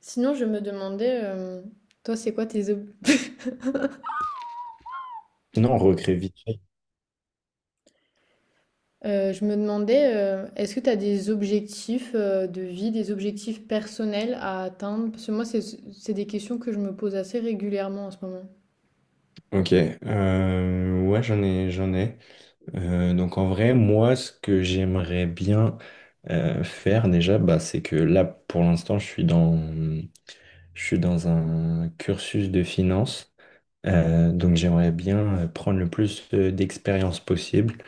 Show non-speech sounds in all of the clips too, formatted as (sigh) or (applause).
Sinon, je me demandais, toi, c'est quoi tes (laughs) Sinon, on recrée vite fait. Je me demandais, est-ce que tu as des objectifs de vie, des objectifs personnels à atteindre? Parce que moi, c'est des questions que je me pose assez régulièrement en ce moment. Ok, ouais, j'en ai. Donc en vrai, moi, ce que j'aimerais bien faire déjà, bah, c'est que là, pour l'instant, je suis dans un cursus de finance. Donc j'aimerais bien prendre le plus d'expérience possible,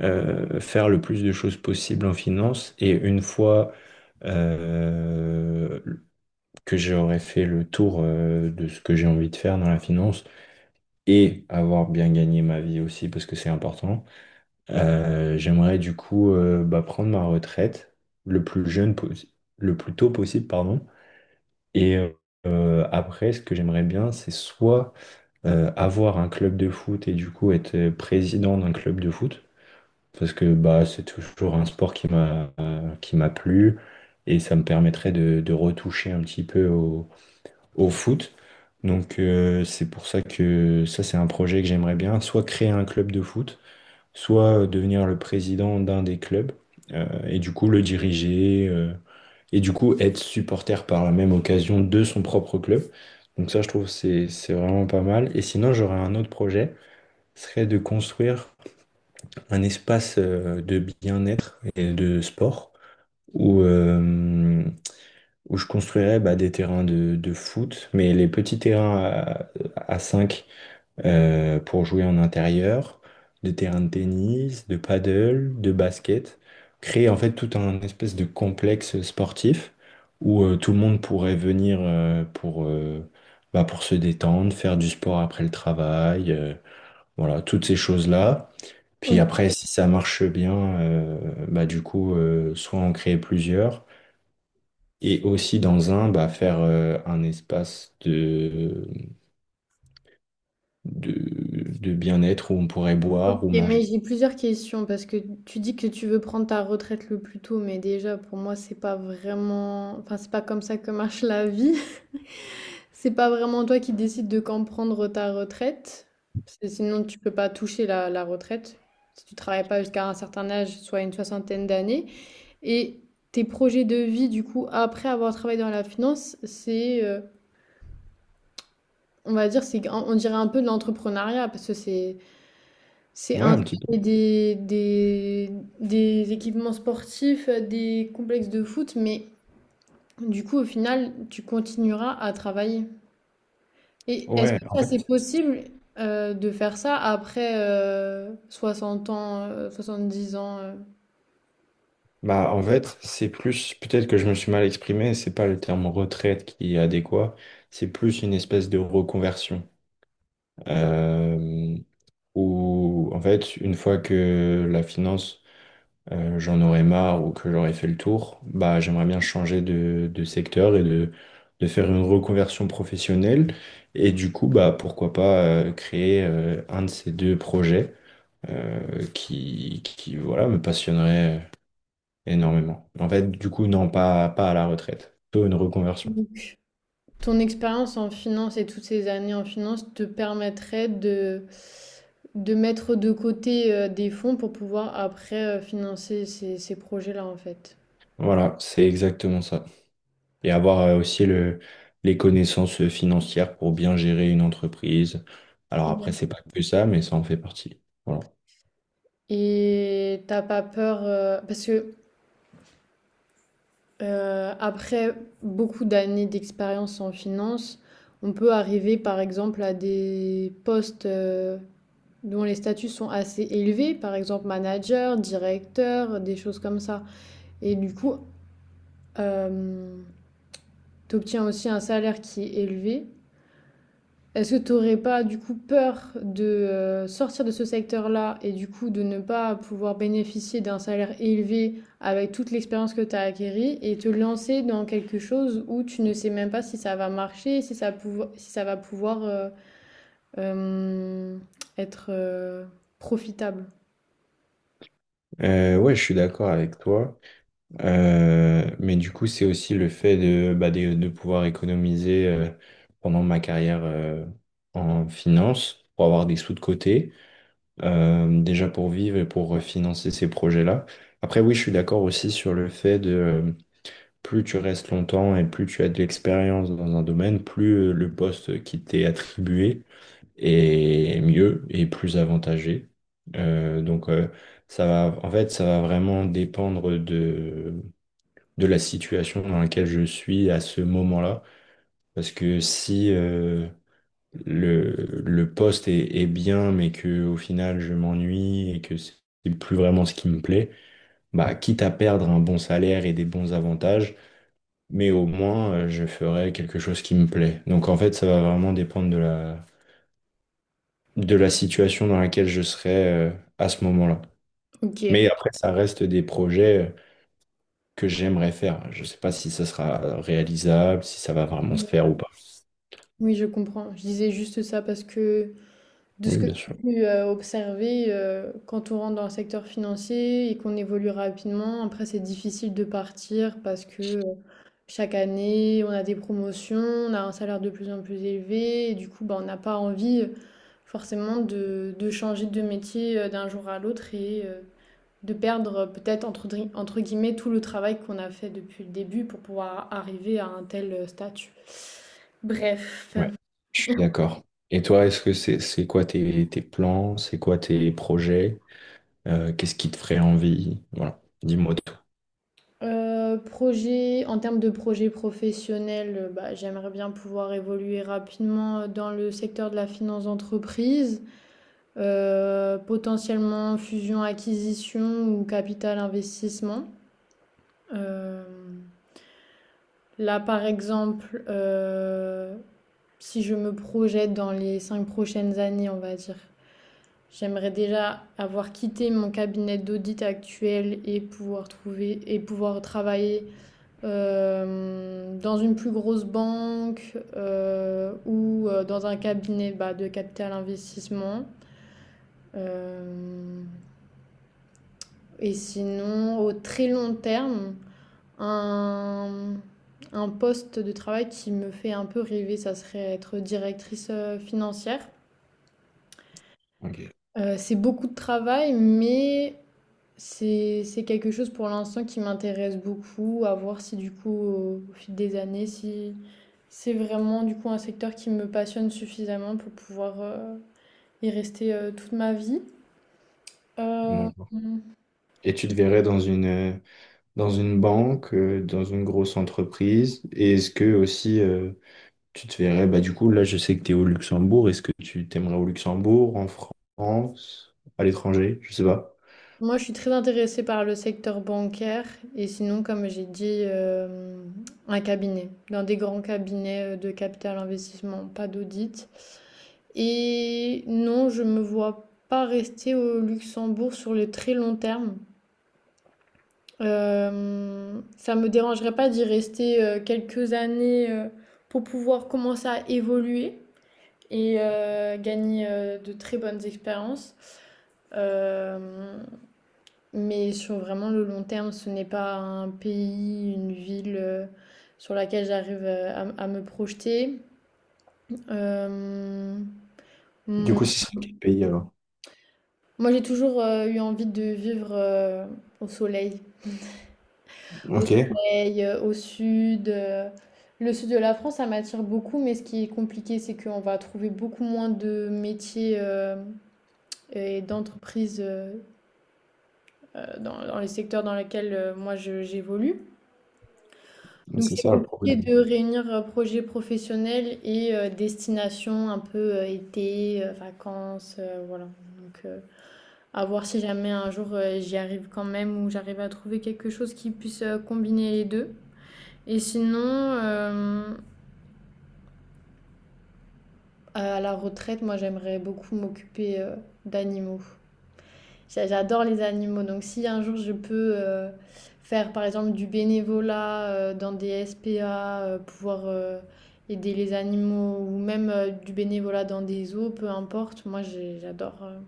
faire le plus de choses possibles en finance. Et une fois euh, que j'aurai fait le tour de ce que j'ai envie de faire dans la finance, et avoir bien gagné ma vie aussi, parce que c'est important, j'aimerais du coup bah, prendre ma retraite le plus jeune, possi- le plus tôt possible, pardon. Et après, ce que j'aimerais bien, c'est soit avoir un club de foot et du coup être président d'un club de foot, parce que bah, c'est toujours un sport qui m'a plu. Et ça me permettrait de retoucher un petit peu au, au foot. Donc c'est pour ça que ça c'est un projet que j'aimerais bien, soit créer un club de foot, soit devenir le président d'un des clubs et du coup le diriger et du coup être supporter par la même occasion de son propre club. Donc ça je trouve que c'est vraiment pas mal. Et sinon j'aurais un autre projet, ce serait de construire un espace de bien-être et de sport où, euh, où je construirais bah, des terrains de foot, mais les petits terrains à, 5 pour jouer en intérieur, des terrains de tennis, de paddle, de basket, créer en fait tout un espèce de complexe sportif où tout le monde pourrait venir bah, pour se détendre, faire du sport après le travail, voilà, toutes ces choses-là. Puis Ok, après, si ça marche bien, bah, du coup, soit en créer plusieurs et aussi dans un, bah, faire un espace de, de bien-être où on pourrait ok, boire ou mais manger. j'ai plusieurs questions parce que tu dis que tu veux prendre ta retraite le plus tôt, mais déjà, pour moi, c'est pas vraiment, enfin, c'est pas comme ça que marche la vie. C'est pas vraiment toi qui décides de quand prendre ta retraite, parce que sinon tu peux pas toucher la retraite si tu travailles pas jusqu'à un certain âge, soit une soixantaine d'années. Et tes projets de vie, du coup, après avoir travaillé dans la finance, c'est, on va dire, c'est, on dirait un peu de l'entrepreneuriat, parce que c'est Ouais, un petit peu. installer des équipements sportifs, des complexes de foot, mais du coup, au final, tu continueras à travailler. Et est-ce Ouais, que en ça c'est fait, possible de faire ça après 60 ans, 70 ans. Bah, en fait, c'est plus, peut-être que je me suis mal exprimé, c'est pas le terme retraite qui est adéquat, c'est plus une espèce de reconversion. Euh, Où, en fait, une fois que la finance j'en aurais marre ou que j'aurais fait le tour, bah, j'aimerais bien changer de secteur de faire une reconversion professionnelle. Et du coup, bah, pourquoi pas créer un de ces deux projets voilà, me passionnerait énormément. En fait, du coup, non, pas à la retraite, plutôt une reconversion. Donc, ton expérience en finance et toutes ces années en finance te permettraient de mettre de côté des fonds pour pouvoir après financer ces projets-là en fait. Voilà, c'est exactement ça. Et avoir aussi le, les connaissances financières pour bien gérer une entreprise. Alors après, Ouais. c'est pas que ça, mais ça en fait partie. Voilà. Et t'as pas peur, parce que après beaucoup d'années d'expérience en finance, on peut arriver par exemple à des postes dont les statuts sont assez élevés, par exemple manager, directeur, des choses comme ça. Et du coup, euh, tu obtiens aussi un salaire qui est élevé. Est-ce que tu n'aurais pas du coup peur de sortir de ce secteur-là et du coup de ne pas pouvoir bénéficier d'un salaire élevé avec toute l'expérience que tu as acquérie et te lancer dans quelque chose où tu ne sais même pas si ça va marcher, si ça va pouvoir euh, être profitable? Ouais, je suis d'accord avec toi. Mais du coup, c'est aussi le fait de, bah, de pouvoir économiser pendant ma carrière en finance pour avoir des sous de côté, déjà pour vivre et pour financer ces projets-là. Après, oui, je suis d'accord aussi sur le fait de plus tu restes longtemps et plus tu as de l'expérience dans un domaine, plus le poste qui t'est attribué et mieux et plus avantagé. Donc ça va, en fait, ça va vraiment dépendre de la situation dans laquelle je suis à ce moment-là. Parce que si le, le poste est, est bien, mais que au final je m'ennuie et que c'est plus vraiment ce qui me plaît, bah quitte à perdre un bon salaire et des bons avantages, mais au moins je ferai quelque chose qui me plaît. Donc en fait, ça va vraiment dépendre de la situation dans laquelle je serais à ce moment-là. Mais Ok. après, ça reste des projets que j'aimerais faire. Je ne sais pas si ça sera réalisable, si ça va vraiment se faire ou pas. Oui, je comprends. Je disais juste ça parce que de Oui, ce que bien j'ai sûr. pu observer, quand on rentre dans le secteur financier et qu'on évolue rapidement, après c'est difficile de partir parce que chaque année on a des promotions, on a un salaire de plus en plus élevé et du coup bah, on n'a pas envie forcément de changer de métier d'un jour à l'autre et de perdre peut-être entre guillemets tout le travail qu'on a fait depuis le début pour pouvoir arriver à un tel statut. Bref. Ouais, je suis d'accord. Et toi, est-ce que c'est quoi tes, tes plans? C'est quoi tes projets? Qu'est-ce qui te ferait envie? Voilà, dis-moi tout. En termes de projet professionnel, bah, j'aimerais bien pouvoir évoluer rapidement dans le secteur de la finance d'entreprise, potentiellement fusion-acquisition ou capital investissement. Euh, Là, par exemple, si je me projette dans les 5 prochaines années, on va dire, j'aimerais déjà avoir quitté mon cabinet d'audit actuel et pouvoir travailler dans une plus grosse banque ou dans un cabinet bah, de capital investissement. Euh, et sinon, au très long terme, un, un poste de travail qui me fait un peu rêver, ça serait être directrice financière. Ok, C'est beaucoup de travail, mais c'est quelque chose pour l'instant qui m'intéresse beaucoup, à voir si du coup au fil des années, si c'est vraiment du coup un secteur qui me passionne suffisamment pour pouvoir y rester toute ma vie. Euh, d'accord. Et tu te verrais dans une banque, dans une grosse entreprise? Et est-ce que aussi tu te verrais, bah du coup, là, je sais que tu es au Luxembourg. Est-ce que tu t'aimerais au Luxembourg, en France, à l'étranger? Je sais pas. moi, je suis très intéressée par le secteur bancaire et sinon, comme j'ai dit, dans des grands cabinets de capital investissement, pas d'audit. Et non, je me vois pas rester au Luxembourg sur le très long terme. Ça me dérangerait pas d'y rester quelques années pour pouvoir commencer à évoluer et gagner de très bonnes expériences. Euh, mais sur vraiment le long terme, ce n'est pas un pays, une ville sur laquelle j'arrive à me projeter. Euh, Du coup, mon- ce serait quel pays alors? Moi, j'ai toujours eu envie de vivre au soleil. Au Ok, soleil, au sud, le sud de la France, ça m'attire beaucoup, mais ce qui est compliqué, c'est qu'on va trouver beaucoup moins de métiers, hem et d'entreprises, dans les secteurs dans lesquels, moi je j'évolue. Donc c'est c'est ça le compliqué problème. de réunir, projet professionnel et destination un peu, été, vacances, voilà. Donc à voir si jamais un jour, j'y arrive quand même ou j'arrive à trouver quelque chose qui puisse, combiner les 2 et sinon, euh, à la retraite, moi, j'aimerais beaucoup m'occuper d'animaux. J'adore les animaux, donc si un jour je peux faire par exemple du bénévolat dans des SPA, pouvoir aider les animaux ou même du bénévolat dans des zoos, peu importe, moi j'adore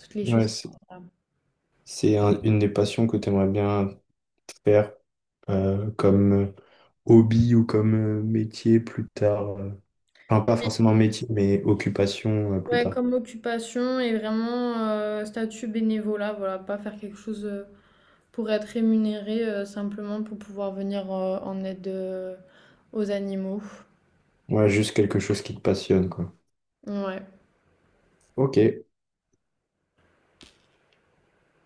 toutes les choses Ouais, c'est comme ça. Une des passions que tu aimerais bien faire comme hobby ou comme métier plus tard. Enfin, pas Et, forcément métier, mais occupation plus ouais, tard. comme occupation et vraiment statut bénévolat, voilà, pas faire quelque chose pour être rémunérée simplement pour pouvoir venir en aide aux animaux. Ouais, juste quelque chose qui te passionne, quoi. Ouais. Ok.